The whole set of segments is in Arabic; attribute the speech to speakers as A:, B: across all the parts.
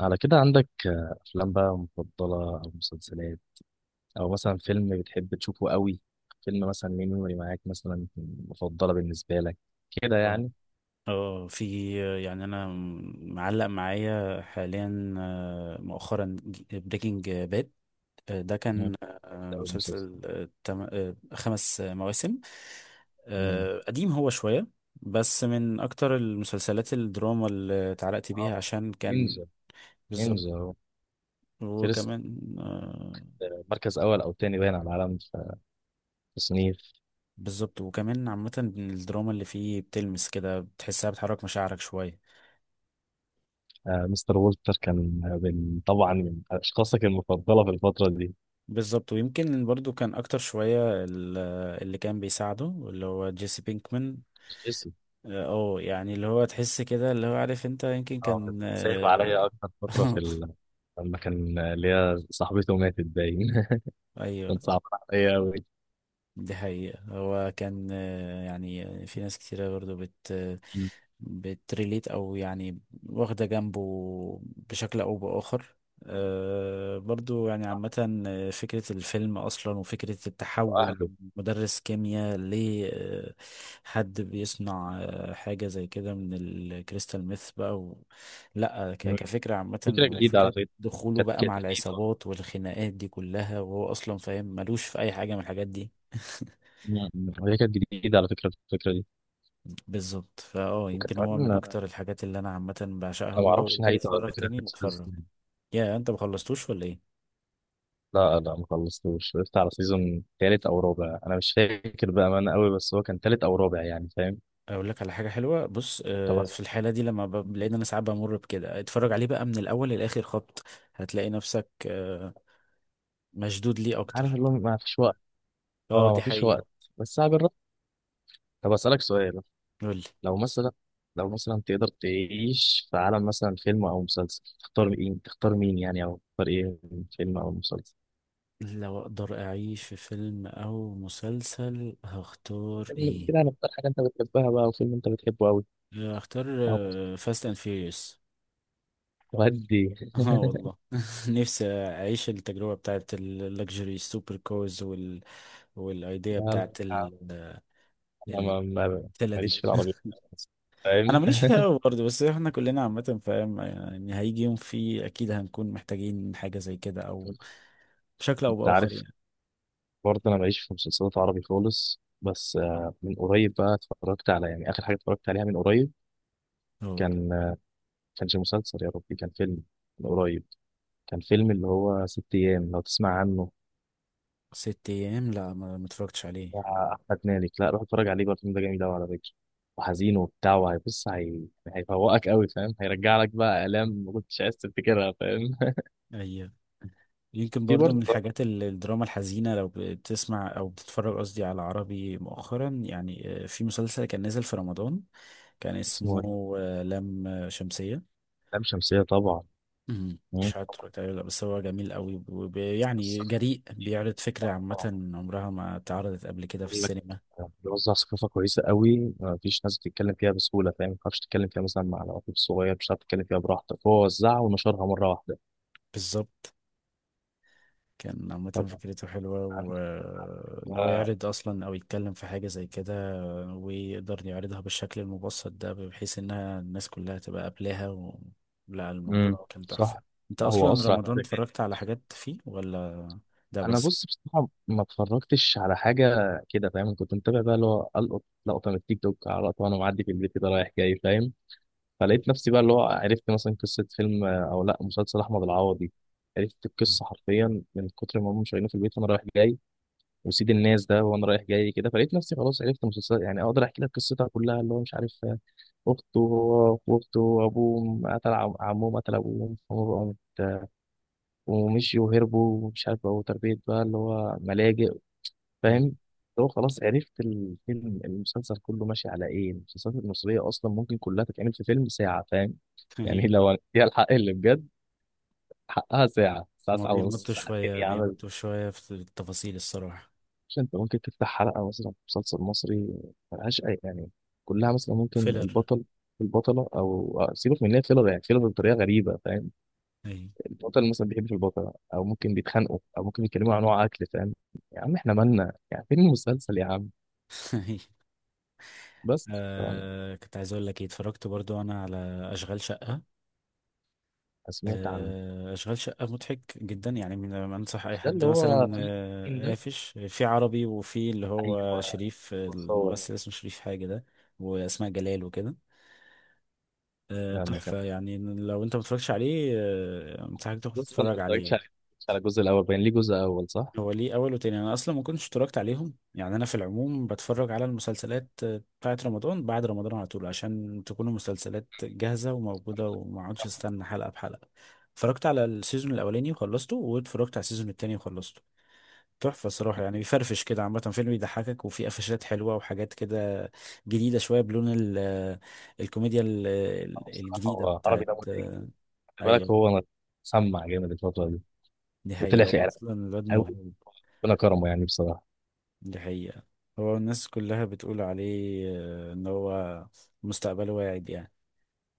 A: على كده عندك أفلام بقى مفضلة، أو مسلسلات، أو مثلا فيلم بتحب تشوفه قوي. فيلم مثلا ليه ميموري معاك، مثلا مفضلة بالنسبة لك كده
B: اه.
A: يعني.
B: في. انا معلق معايا حاليا، مؤخرا بريكنج باد. ده
A: مم.
B: كان
A: أو المسلسل.
B: مسلسل، خمس مواسم.
A: مم.
B: قديم هو شوية، بس من اكتر المسلسلات الدراما اللي اتعلقت بيها
A: بس
B: عشان كان.
A: نينجا
B: بالظبط.
A: نينجا هو فيرست.
B: وكمان
A: مركز أول أو تاني باين على العالم في تصنيف.
B: بالظبط. وكمان عامة الدراما اللي فيه بتلمس كده، بتحسها بتحرك مشاعرك شوية.
A: مستر وولتر كان من، طبعا، من أشخاصك المفضلة في الفترة دي.
B: بالظبط. ويمكن برضو كان اكتر شوية اللي كان بيساعده، اللي هو جيسي بينكمان.
A: اسم.
B: اه، اللي هو تحس كده، اللي هو عارف انت يمكن، آه، كان
A: اه، كنت
B: كان
A: سايب
B: خايف
A: عليا
B: عليه.
A: أكتر فترة في
B: آه،
A: ال... لما كان اللي هي صاحبته ماتت باين. كان
B: ايوه.
A: صعب عليا أوي.
B: دي حقيقة. هو كان، يعني في ناس كتيرة برضو بت آه،
A: مم.
B: بتريليت أو يعني واخدة جنبه، بشكل أو بآخر. برضو يعني
A: صعب.
B: عامة، فكرة الفيلم أصلا وفكرة التحول
A: وأهله.
B: من مدرس كيمياء لحد بيصنع حاجة زي كده من الكريستال ميث بقى و... لا،
A: مم.
B: كفكرة عامة
A: فكرة
B: أكيد،
A: جديدة على
B: وفكرة
A: فكرة.
B: دخوله
A: كانت
B: بقى مع
A: كانت
B: أكيد
A: جديدة.
B: العصابات والخناقات دي كلها، وهو أصلا فاهم ملوش في أي حاجة من الحاجات دي.
A: مم. مم. هي كانت جديدة على فكرة، الفكرة دي.
B: بالظبط. يمكن
A: وكمان
B: هو من لا
A: أنا
B: اكتر الحاجات اللي انا عامه بعشقها،
A: ما
B: ولو اه
A: أعرفش
B: قلت لي
A: نهايته، على
B: اتفرج
A: فكرة،
B: تاني
A: خلصت
B: بتفرج.
A: إزاي.
B: يا انت ما خلصتوش ولا ايه؟
A: لا، لا، ما خلصتوش. وقفت على سيزون تالت أو رابع، أنا مش فاكر بقى أنا قوي، بس هو كان تالت أو رابع، يعني فاهم.
B: اقول لك على حاجه حلوه. بص،
A: طب
B: في الحاله دي لما بلاقي إن انا ساعات بمر بكده، اتفرج عليه بقى من الاول للاخر خبط. هتلاقي نفسك مشدود ليه
A: عارف
B: اكتر.
A: اللي هو ما فيش وقت.
B: اه،
A: أه،
B: دي
A: ما فيش
B: حقيقه.
A: وقت. بس أنا بالرغم، طب أسألك سؤال.
B: قول لي.
A: لو مثلا، لو مثلا تقدر تعيش في عالم مثلا فيلم او مسلسل، تختار مين؟ يعني، او تختار ايه؟ فيلم او مسلسل.
B: لو اقدر اعيش في فيلم او مسلسل هختار
A: فيلم
B: ايه؟
A: كده هنختار حاجه انت بتحبها بقى، وفيلم انت بتحبه قوي.
B: هختار
A: او
B: فاست اند فيوريوس.
A: ودي.
B: اه والله، نفسي اعيش التجربه بتاعت اللكجري سوبر كوز والايديا
A: لا، لا،
B: بتاعت
A: لا، انا
B: الفيلا دي.
A: ماليش في العربي خالص.
B: انا
A: فاهم.
B: ماليش فيها قوي برضه، بس احنا كلنا عامه فاهم يعني هيجي يوم فيه اكيد هنكون محتاجين حاجه زي كده، او بشكل او
A: انت
B: باخر
A: عارف،
B: يعني.
A: برضه انا ماليش في مسلسلات عربي خالص، بس من قريب بقى اتفرجت على، يعني اخر حاجه اتفرجت عليها من قريب،
B: اه،
A: كان كانش مسلسل، يا ربي كان فيلم، من قريب، كان فيلم اللي هو ست ايام، لو تسمع عنه،
B: ست ايام، لا، ما اتفرجتش عليه.
A: بتاع احمد مالك. لا، روح اتفرج عليه بقى، الفيلم ده جميل قوي على فكره، وحزين وبتاع، وهيبص هي... هيفوقك قوي، فاهم، هيرجع لك بقى الام ما كنتش عايز تفتكرها، فاهم.
B: اي، يمكن
A: في
B: برضو من
A: برضه.
B: الحاجات الدراما الحزينة. لو بتسمع أو بتتفرج قصدي على عربي مؤخرا، في مسلسل كان نازل في رمضان. كان
A: اسمه
B: اسمه
A: ايه؟
B: لام شمسية.
A: لام شمسيه، طبعا.
B: مم.
A: مم.
B: مش عارف اتفرجت عليه ولا لأ، بس هو جميل قوي
A: بس
B: جريء،
A: خطير.
B: بيعرض فكرة
A: طبعاً.
B: عامة عمرها ما اتعرضت قبل كده في
A: بقول لك،
B: السينما.
A: بيوزع ثقافه كويسه قوي، ما فيش ناس بتتكلم فيها بسهوله، فاهم، ما تعرفش تتكلم فيها مثلا مع العقول صغير، مش هتعرف تتكلم فيها براحتك، هو وزعها ونشرها مره واحده.
B: بالظبط. كان عامة
A: طب،
B: فكرته حلوة،
A: عارف
B: وإن هو
A: بقى.
B: يعرض أصلا أو يتكلم في حاجة زي كده، ويقدر يعرضها بالشكل المبسط ده بحيث انها الناس كلها تبقى قابلاها و... لا،
A: امم.
B: الموضوع كان
A: صح.
B: تحفة. انت
A: لا، هو
B: اصلا
A: اسرع.
B: رمضان اتفرجت على حاجات فيه ولا؟ ده
A: انا،
B: بس.
A: بص، بصراحه ما اتفرجتش على حاجه كده، فاهم، كنت متابع بقى اللي هو القط لقطه من التيك توك على لقطه، وانا معدي في البيت كده رايح جاي، فاهم. فلقيت نفسي بقى اللي هو عرفت مثلا قصه فيلم او لا مسلسل احمد العوضي. عرفت القصه حرفيا من كتر ما هم شايلينه في البيت وانا رايح جاي، وسيد الناس ده وانا رايح جاي كده، فلقيت نفسي خلاص عرفت مسلسل، يعني اقدر احكي لك قصتها كلها، اللي هو مش عارف اخته، هو واخته وابوه، قتل عمهم قتل ابوهم، فهم بقوا مت- ومشيوا وهربوا ومش عارف بقوا تربية بقى اللي هو ملاجئ،
B: ايوه.
A: فاهم. هو خلاص عرفت الفيلم، المسلسل كله ماشي على ايه. المسلسلات المصرية اصلا ممكن كلها تتعمل في فيلم ساعة، فاهم، يعني
B: ايوه.
A: لو هي الحق اللي بجد حقها ساعة، ساعة،
B: ما
A: ساعة ونص،
B: بيمطوا
A: ساعتين
B: شوية
A: يا عم.
B: بيمطوا شوية في التفاصيل، الصراحة.
A: مش انت ممكن تفتح حلقة مثلا في مسلسل مصري، ملهاش اي يعني، كلها مثلا ممكن
B: فيلر.
A: البطل، البطلة أو سيبك من إن هي فيلر، يعني فيلر بطريقة غريبة، فاهم.
B: ايوه.
A: البطل مثلا بيحب في البطلة، أو ممكن بيتخانقوا، أو ممكن بيتكلموا عن نوع أكل، فاهم، يا عم إحنا مالنا يعني، فين المسلسل يا عم.
B: أيوة.
A: بس طبعاً.
B: كنت عايز اقول لك ايه، اتفرجت برضو انا على اشغال شقة.
A: سمعت عن
B: اشغال شقه مضحك جدا، يعني من انصح اي
A: ده
B: حد
A: اللي هو
B: مثلا
A: فيه، التين ده.
B: قافش في عربي، وفي اللي هو
A: ايوه،
B: شريف،
A: وصور.
B: الممثل اسمه شريف حاجه ده. واسماء جلال وكده.
A: لما كان،
B: تحفه، يعني لو انت متفرجش عليه انصحك تروح
A: بص انا ما
B: تتفرج
A: اتفرجتش
B: عليه.
A: على، الجزء الاول، باين ليه جزء اول، صح؟
B: هو ليه اول وتاني؟ انا اصلا ما كنتش اتفرجت عليهم، يعني انا في العموم بتفرج على المسلسلات بتاعت رمضان بعد رمضان على طول عشان تكون المسلسلات جاهزه وموجوده، وما اقعدش
A: كان
B: استنى حلقه بحلقه. اتفرجت على السيزون الاولاني وخلصته، واتفرجت على السيزون التاني وخلصته. تحفه الصراحه، يعني بيفرفش كده عامه، فيلم بيضحكك وفيه قفشات حلوه وحاجات كده جديده شويه بلون الكوميديا
A: هو، بصراحه
B: الجديده
A: هو عربي
B: بتاعت...
A: ده مضحك جدا. خلي بالك
B: ايوه،
A: هو سمع جامد الفتره دي،
B: دي حقيقه،
A: وطلع
B: هو
A: فعلا
B: اصلا الواد
A: قوي،
B: موهوب.
A: ربنا كرمه يعني بصراحه.
B: دي حقيقة، هو الناس كلها بتقول عليه ان هو مستقبله واعد يعني.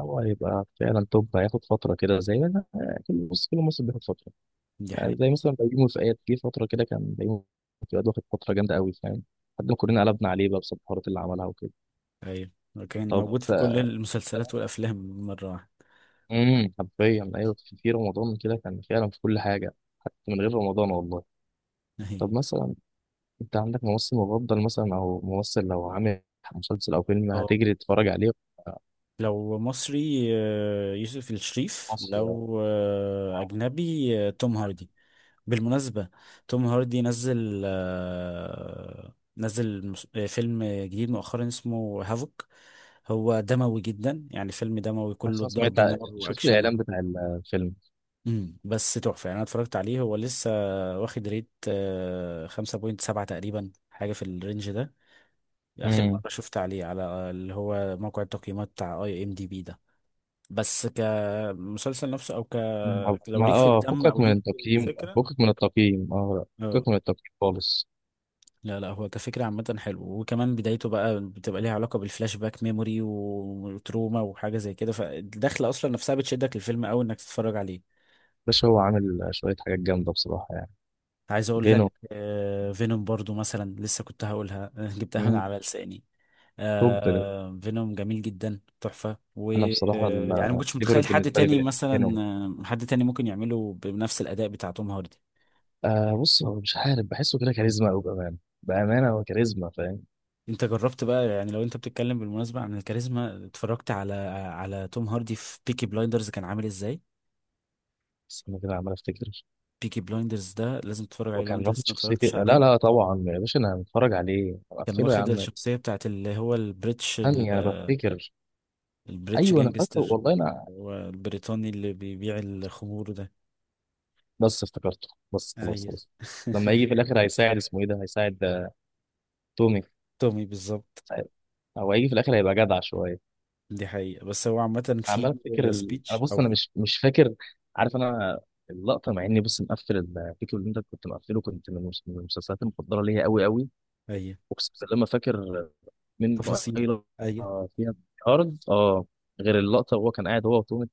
A: هو هيبقى فعلا توب، هياخد فتره كده زي ما، كل موسم بياخد فتره،
B: دي
A: يعني
B: حقيقة.
A: زي مثلا بيومي فؤاد، جه فتره كده كان بيومي فؤاد واخد فتره جامده قوي، فاهم، لحد ما كلنا قلبنا عليه بقى بسبب الحوارات اللي عملها وكده.
B: ايوه، كان
A: طب
B: موجود في كل المسلسلات والافلام مرة واحدة.
A: امم، حرفيا ايوه، في رمضان كده كان فعلا في كل حاجه، حتى من غير رمضان والله.
B: ايوه.
A: طب مثلا، انت عندك ممثل مفضل مثلا، او ممثل لو عامل مسلسل او فيلم
B: اه،
A: هتجري تتفرج عليه في
B: لو مصري يوسف الشريف،
A: مصر يعني.
B: لو
A: آه،
B: اجنبي توم
A: عارف.
B: هاردي. بالمناسبة، توم هاردي نزل فيلم جديد مؤخرا اسمه هافوك. هو دموي جدا، يعني فيلم دموي
A: بس
B: كله
A: انا سمعت،
B: ضرب نار
A: شفت
B: واكشن.
A: الاعلان بتاع الفيلم.
B: بس تحفة يعني، انا اتفرجت عليه، هو لسه واخد ريت 5.7 تقريبا، حاجة في الرينج ده. اخر مرة
A: امم،
B: شفت عليه على اللي هو موقع التقييمات بتاع IMDB ده. بس كمسلسل نفسه او ك لو
A: ما
B: ليك في الدم
A: فكك
B: او
A: من
B: ليك في
A: التقييم،
B: الفكرة.
A: فكك من التقييم، اه.
B: اه.
A: فكك من التقييم خالص.
B: لا، لا، هو كفكرة عامة حلو، وكمان بدايته بقى بتبقى ليها علاقة بالفلاش باك ميموري وتروما وحاجة زي كده، فالدخلة أصلا نفسها بتشدك للفيلم أوي إنك تتفرج عليه.
A: باشا هو عامل شويه حاجات جامده بصراحه، يعني
B: عايز اقول
A: فينو.
B: لك، فينوم برضو مثلا لسه كنت هقولها، جبتها من
A: مم.
B: على لساني.
A: توب ده.
B: فينوم جميل جدا، تحفة،
A: انا بصراحه
B: ويعني ما كنتش
A: الفيفوريت
B: متخيل حد
A: بالنسبه
B: تاني
A: لي فينو.
B: مثلا آه، حد تاني ممكن يعمله بنفس الأداء بتاع توم هاردي.
A: آه، بص، هو مش عارف، بحسه كده كاريزما أوي، بأمانة. بأمانة هو كاريزما، فاهم.
B: انت جربت بقى، يعني لو انت بتتكلم بالمناسبة عن الكاريزما، اتفرجت على توم هاردي في بيكي بلايندرز كان عامل ازاي؟
A: بس أنا كده عمال أفتكر،
B: بيكي بلايندرز ده لازم تتفرج عليه لو
A: وكان
B: انت
A: رافض
B: لسه ما
A: شخصيتي.
B: اتفرجتش
A: لا،
B: عليه.
A: لا، طبعا يا باشا أنا هتفرج عليه،
B: كان
A: أقفله يا
B: واخد
A: عم.
B: الشخصية بتاعت اللي هو البريتش.
A: ثانية أنا بفتكر.
B: البريتش، ايوه،
A: أيوه أنا فاكره،
B: جانجستر.
A: والله أنا
B: هو البريطاني اللي بيبيع الخمور ده.
A: بس افتكرته. بس خلاص،
B: ايوه.
A: خلاص. لما يجي في الآخر هيساعد، اسمه إيه ده، هيساعد تومي.
B: تومي بالظبط.
A: هو هيجي في الآخر هيبقى جدع شوية.
B: دي حقيقة. بس هو عامة في
A: عمال أفتكر ال... أنا
B: سبيتش
A: بص أنا
B: او...
A: مش فاكر، عارف أنا، اللقطة، مع إني، بص، مقفل الفيديو اللي أنت كنت مقفله، كنت من المسلسلات المفضلة ليا أوي أوي،
B: ايوه،
A: اقسم بالله ما فاكر منه اي
B: تفاصيل. ايوه.
A: لقطه فيها، ارض اه، غير اللقطه وهو كان قاعد هو وتوم،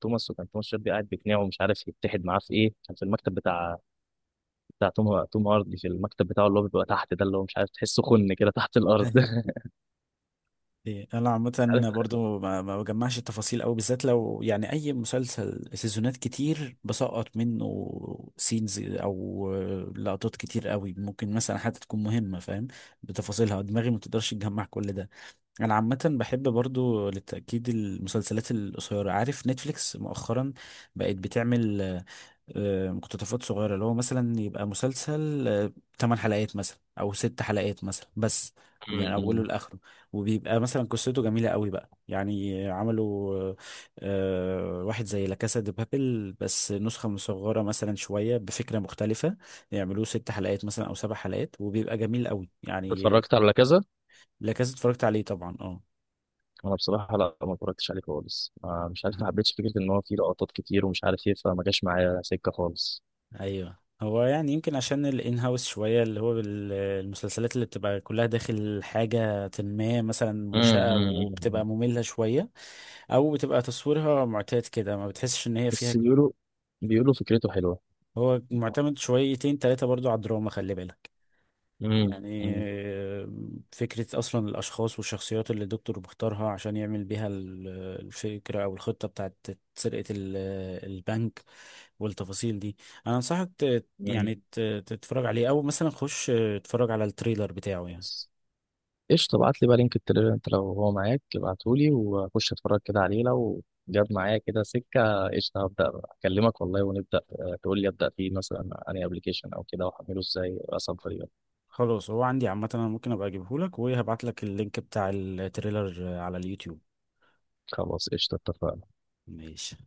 A: توماس، وكان توماس شيلبي قاعد بيقنعه ومش عارف يتحد معاه في ايه، كان في المكتب بتاع، بتاع توم هاردي، في المكتب بتاعه اللي هو بيبقى تحت ده، اللي هو مش عارف تحسه خن كده تحت الارض.
B: إيه، انا
A: مش عارف.
B: عامة برضو ما بجمعش التفاصيل قوي، بالذات لو يعني اي مسلسل سيزونات كتير بسقط منه سينز او لقطات كتير قوي ممكن مثلا حتى تكون مهمة، فاهم. بتفاصيلها دماغي ما تقدرش تجمع كل ده. انا عامه بحب برضو للتاكيد المسلسلات القصيره. عارف نتفليكس مؤخرا بقت بتعمل مقتطفات صغيره، اللي هو مثلا يبقى مسلسل 8 حلقات مثلا او 6 حلقات مثلا بس. يعني اوله
A: م-م.
B: لاخره، وبيبقى مثلا قصته جميله قوي بقى، يعني عملوا واحد زي لا كاسا دي بابل بس نسخه مصغره مثلا شويه بفكره مختلفه. يعملوه 6 حلقات مثلا او 7 حلقات، وبيبقى جميل قوي يعني.
A: اتفرجت على كذا.
B: لا كاسا اتفرجت عليه طبعا، اه.
A: انا بصراحه لا، ما اتفرجتش عليه خالص، مش عارف، ما حبيتش فكره ان هو فيه لقطات كتير ومش عارف ايه، فما جاش معايا سكه خالص.
B: ايوه، هو يعني يمكن عشان الان هاوس شويه، اللي هو المسلسلات اللي بتبقى كلها داخل حاجه ما مثلا منشأة وبتبقى
A: م-م-م.
B: ممله شويه. او بتبقى تصويرها معتاد كده، ما بتحسش ان هي فيها.
A: بس بيقولوا، فكرته حلوه.
B: هو معتمد شويتين تلاتة برضو على الدراما، خلي بالك. يعني
A: م-م-م.
B: فكرة أصلا الأشخاص والشخصيات اللي الدكتور بيختارها عشان يعمل بيها الفكرة أو الخطة بتاعت سرقة البنك والتفاصيل دي. أنا أنصحك تتفرج عليه، أو مثلا خش اتفرج على التريلر بتاعه يعني.
A: بس قشطة، ابعت لي بقى لينك التليجرام، انت لو هو معاك ابعتهولي، واخش اتفرج كده عليه، لو جاب معايا كده سكة قشطة، هبدأ بقى اكلمك والله، ونبدأ، تقول لي ابدأ فيه مثلا انهي ابلكيشن او كده، واحمله ازاي، اصبر يلا.
B: خلاص، هو عندي عامة، أنا ممكن أبقى أجيبهولك وهبعتلك اللينك بتاع التريلر على اليوتيوب.
A: خلاص قشطة، اتفقنا.
B: ماشي.